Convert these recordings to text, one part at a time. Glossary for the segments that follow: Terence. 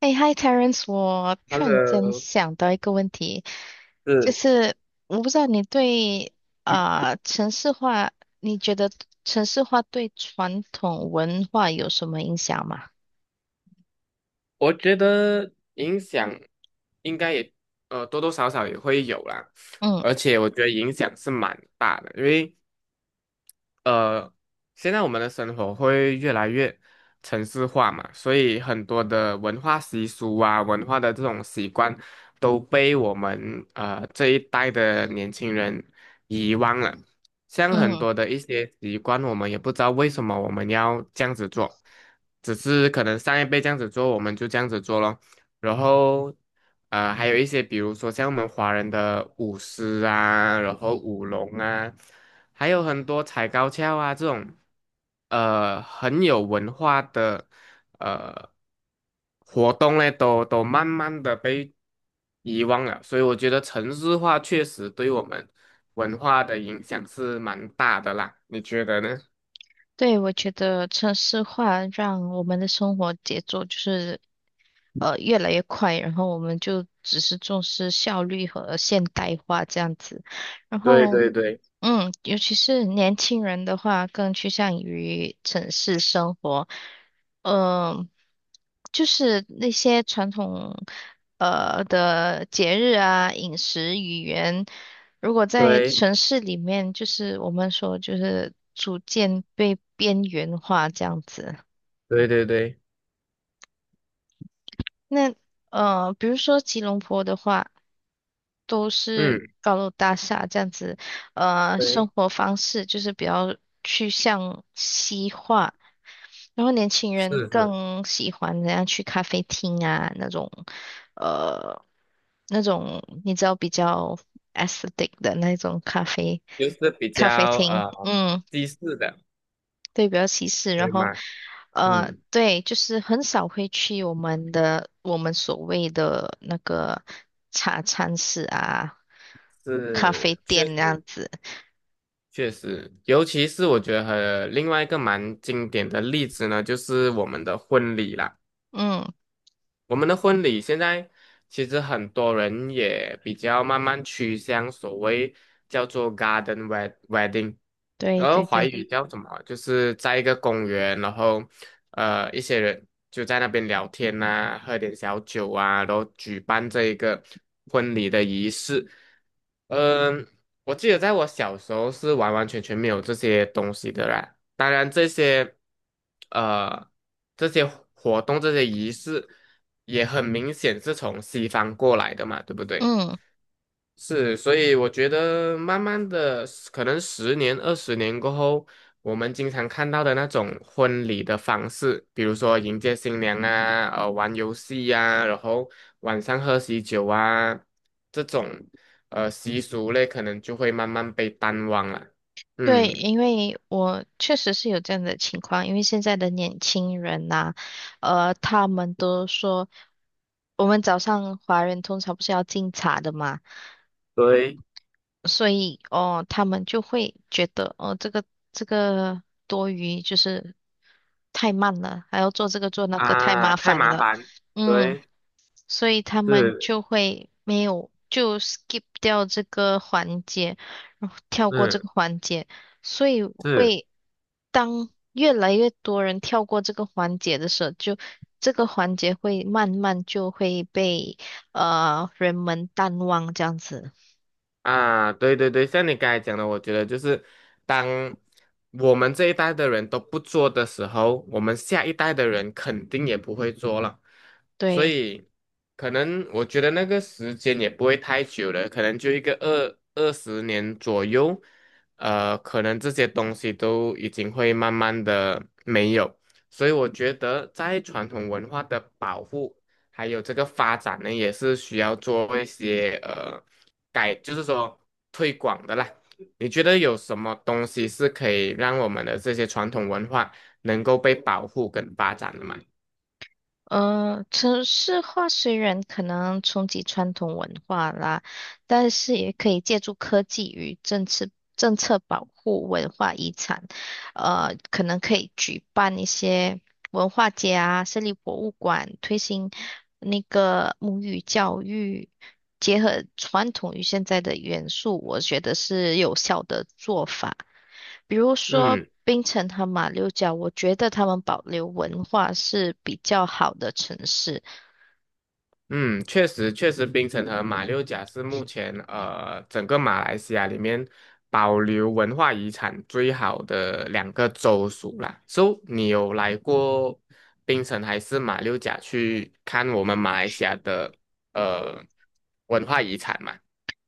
哎，Hi Terence，我突然间 Hello，想到一个问题，就是，是我不知道你对城市化，你觉得城市化对传统文化有什么影响吗？我觉得影响应该也多多少少也会有啦，嗯而且我觉得影响是蛮大的，因为呃，现在我们的生活会越来越城市化嘛，所以很多的文化习俗啊、文化的这种习惯都被我们这一代的年轻人遗忘了。像很嗯，多的一些习惯，我们也不知道为什么我们要这样子做，只是可能上一辈这样子做，我们就这样子做咯。然后还有一些比如说像我们华人的舞狮啊，然后舞龙啊，还有很多踩高跷啊这种，很有文化的呃活动呢，都慢慢的被遗忘了。所以我觉得城市化确实对我们文化的影响是蛮大的啦，你觉得呢？对，我觉得城市化让我们的生活节奏就是越来越快，然后我们就只是重视效率和现代化这样子，然对后。对对嗯，尤其是年轻人的话，更趋向于城市生活。嗯、就是那些传统的节日啊、饮食、语言，如果在对城市里面，就是我们说就是逐渐被边缘化这样子。对对对，那呃，比如说吉隆坡的话，都是嗯，高楼大厦这样子，呃，生对，活方式就是比较趋向西化，然后年轻人是是。更喜欢怎样去咖啡厅啊那种，呃，那种你知道比较 aesthetic 的那种咖啡就是比咖啡较厅，嗯西式的，对，比较歧视。然对后，吗？呃，嗯，对，就是很少会去我们的所谓的那个茶餐室啊、咖啡是，确店那样实子。确实，尤其是我觉得和另外一个蛮经典的例子呢，就是我们的婚礼啦。嗯，我们的婚礼现在其实很多人也比较慢慢趋向所谓叫做 garden wedding。对然后对华对，语叫什么啊？就是在一个公园，然后一些人就在那边聊天呐、喝点小酒啊，然后举办这一个婚礼的仪式。嗯、我记得在我小时候是完完全全没有这些东西的啦。当然，呃这些活动、这些仪式也很明显是从西方过来的嘛，对不对？嗯，是，所以我觉得慢慢的，可能十年、二十年过后，我们经常看到的那种婚礼的方式，比如说迎接新娘啊，玩游戏呀、然后晚上喝喜酒啊，这种习俗类，可能就会慢慢被淡忘了。对，嗯，因为我确实是有这样的情况，因为现在的年轻人呐、呃，他们都说，我们早上华人通常不是要敬茶的嘛。对所以哦，他们就会觉得哦，这个多余，就是太慢了，还要做这个做那个，太啊，麻太烦麻了。烦。嗯，对，所以他们是，就会没有就 skip 掉这个环节，然后跳过这嗯，个环节，所以是。会当越来越多人跳过这个环节的时候，就这个环节会慢慢就会被人们淡忘这样子，啊，对对对，像你刚才讲的，我觉得就是当我们这一代的人都不做的时候，我们下一代的人肯定也不会做了，所对。以可能我觉得那个时间也不会太久了，可能就一个二十年左右，可能这些东西都已经会慢慢的没有，所以我觉得在传统文化的保护还有这个发展呢，也是需要做一些改，就是说推广的啦。你觉得有什么东西是可以让我们的这些传统文化能够被保护跟发展的吗？呃，城市化虽然可能冲击传统文化啦，但是也可以借助科技与政策保护文化遗产。呃，可能可以举办一些文化节啊，设立博物馆，推行那个母语教育，结合传统与现在的元素，我觉得是有效的做法。比如说嗯槟城和马六甲，我觉得他们保留文化是比较好的城市，嗯，确实确实，槟城和马六甲是目前整个马来西亚里面保留文化遗产最好的两个州属啦。So，你有来过槟城还是马六甲去看我们马来西亚的呃文化遗产吗？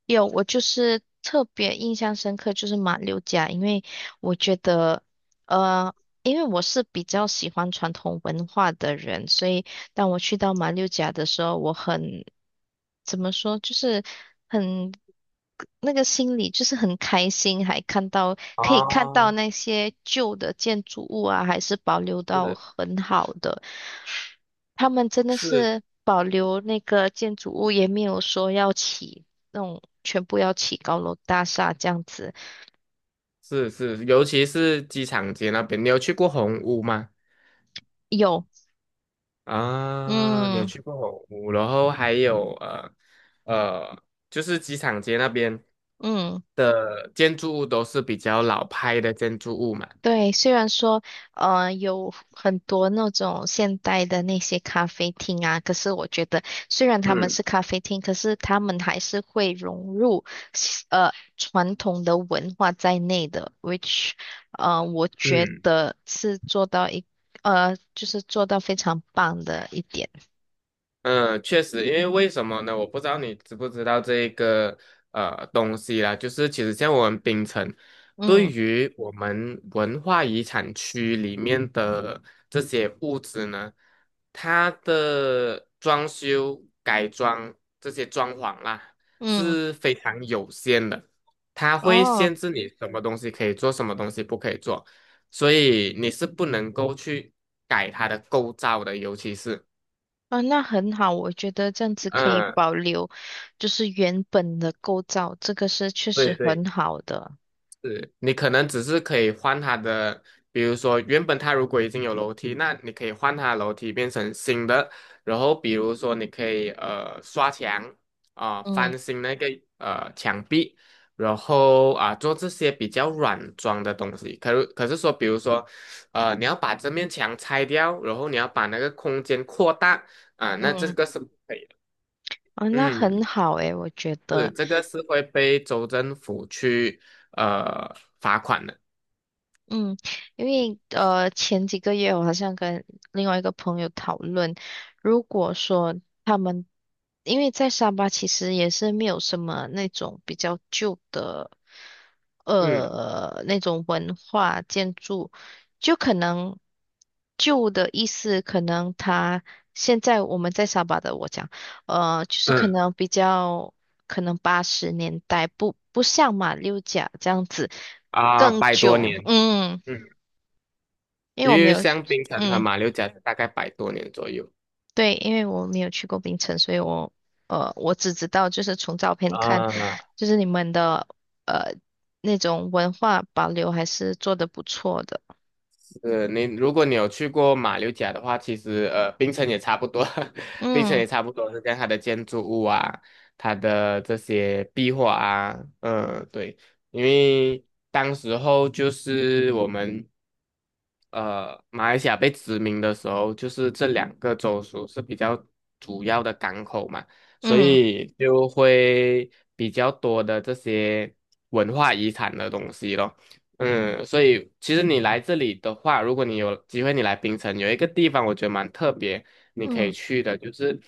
有，我就是特别印象深刻，就是马六甲，因为我觉得，呃，因为我是比较喜欢传统文化的人，所以当我去到马六甲的时候，我很，怎么说，就是很，那个心里就是很开心，还看到，可以看到啊，那些旧的建筑物啊，还是保留到是很好的。他们真的是，是保留那个建筑物，也没有说要起那种全部要起高楼大厦这样子。是是，尤其是机场街那边，你有去过红屋吗？有，啊，你有嗯去过红屋，然后还有呃，就是机场街那边嗯。的建筑物都是比较老派的建筑物嘛。对，虽然说，呃，有很多那种现代的那些咖啡厅啊，可是我觉得，虽然他们嗯是咖啡厅，可是他们还是会融入呃，传统的文化在内的，which，呃，我觉嗯，得是做到一，呃，就是做到非常棒的一点。嗯，确实，因为为什么呢？我不知道你知不知道这个东西啦，就是其实像我们槟城，对嗯于我们文化遗产区里面的这些物质呢，它的装修、改装这些装潢啦嗯，是非常有限的，它会哦，限制你什么东西可以做，什么东西不可以做，所以你是不能够去改它的构造的，尤其是。啊，那很好，我觉得这样子可以嗯，保留，就是原本的构造，这个是确对实对，很好的。是你可能只是可以换它的，比如说原本它如果已经有楼梯，那你可以换它的楼梯变成新的，然后比如说你可以刷墙啊、嗯。翻新那个墙壁，然后啊、做这些比较软装的东西。可是说，比如说你要把这面墙拆掉，然后你要把那个空间扩大啊、那这嗯，个是不可以的。哦，那很嗯，好诶，我觉是，得，这个是会被州政府去呃罚款的。嗯，因为呃前几个月我好像跟另外一个朋友讨论，如果说他们因为在沙巴其实也是没有什么那种比较旧的嗯呃那种文化建筑，就可能旧的意思可能他现在我们在沙巴的我讲，呃就是可嗯能比较可能80年代不像马六甲这样子。啊，更百多久，年。嗯，嗯，因为因我没为有，香槟城和嗯，马六甲大概百多年左右。对，因为我没有去过槟城，所以我，呃，我只知道就是从照片看，啊、就是你们的呃那种文化保留还是做得不错的，是你，如果你有去过马六甲的话，其实槟城也差不多，槟城嗯也差不多是跟它的建筑物啊，它的这些壁画啊，嗯，对，因为当时候就是我们马来西亚被殖民的时候，就是这两个州属是比较主要的港口嘛，所嗯以就会比较多的这些文化遗产的东西咯。嗯，所以其实你来这里的话，如果你有机会你来槟城，有一个地方我觉得蛮特别，你可以嗯去的，就是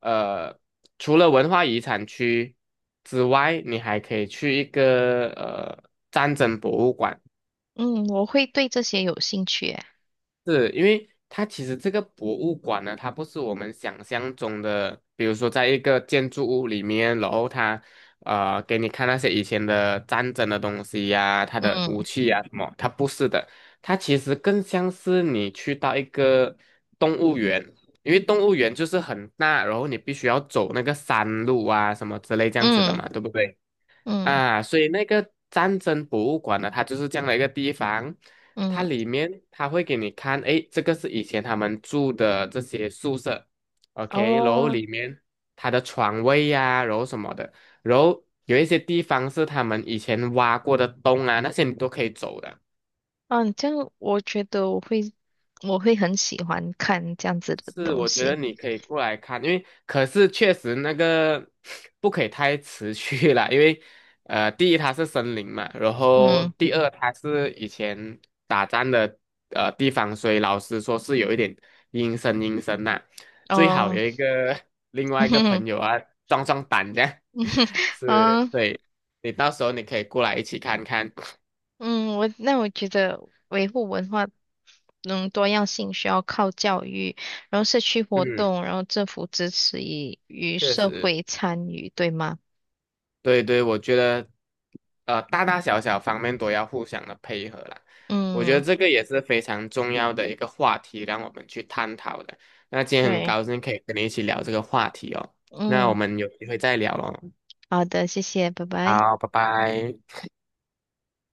呃，除了文化遗产区之外，你还可以去一个战争博物馆。嗯，我会对这些有兴趣耶，是因为它其实这个博物馆呢，它不是我们想象中的，比如说在一个建筑物里面，然后它给你看那些以前的战争的东西呀、它的武嗯器呀、什么，它不是的，它其实更像是你去到一个动物园，因为动物园就是很大，然后你必须要走那个山路啊什么之类这样子的嗯嘛，对不对？嗯啊，所以那个战争博物馆呢，它就是这样的一个地方，它嗯，里面它会给你看，诶，这个是以前他们住的这些宿舍，OK，然后哦，里面它的床位呀、然后什么的，然后有一些地方是他们以前挖过的洞啊，那些你都可以走的。嗯，这样我觉得我会我会很喜欢看这样子的是，东我觉得西，你可以过来看，因为可是确实那个 不可以太持续了，因为第一它是森林嘛，然后嗯第二它是以前打仗的地方，所以老师说是有一点阴森阴森呐、最好哦，有一个 另 嗯外一个哼，朋友啊壮壮胆这样，嗯。是，啊对，你到时候你可以过来一起看看，嗯，我那我觉得维护文化嗯多样性需要靠教育，然后社区活嗯，动，然后政府支持与确社实。会参与，对吗？对对，我觉得，大大小小方面都要互相的配合啦。我觉得嗯，这个也是非常重要的一个话题，让我们去探讨的。那今天很对，高兴可以跟你一起聊这个话题哦。那我嗯，们有机会再聊喽。好的，谢谢，拜拜。好，拜拜。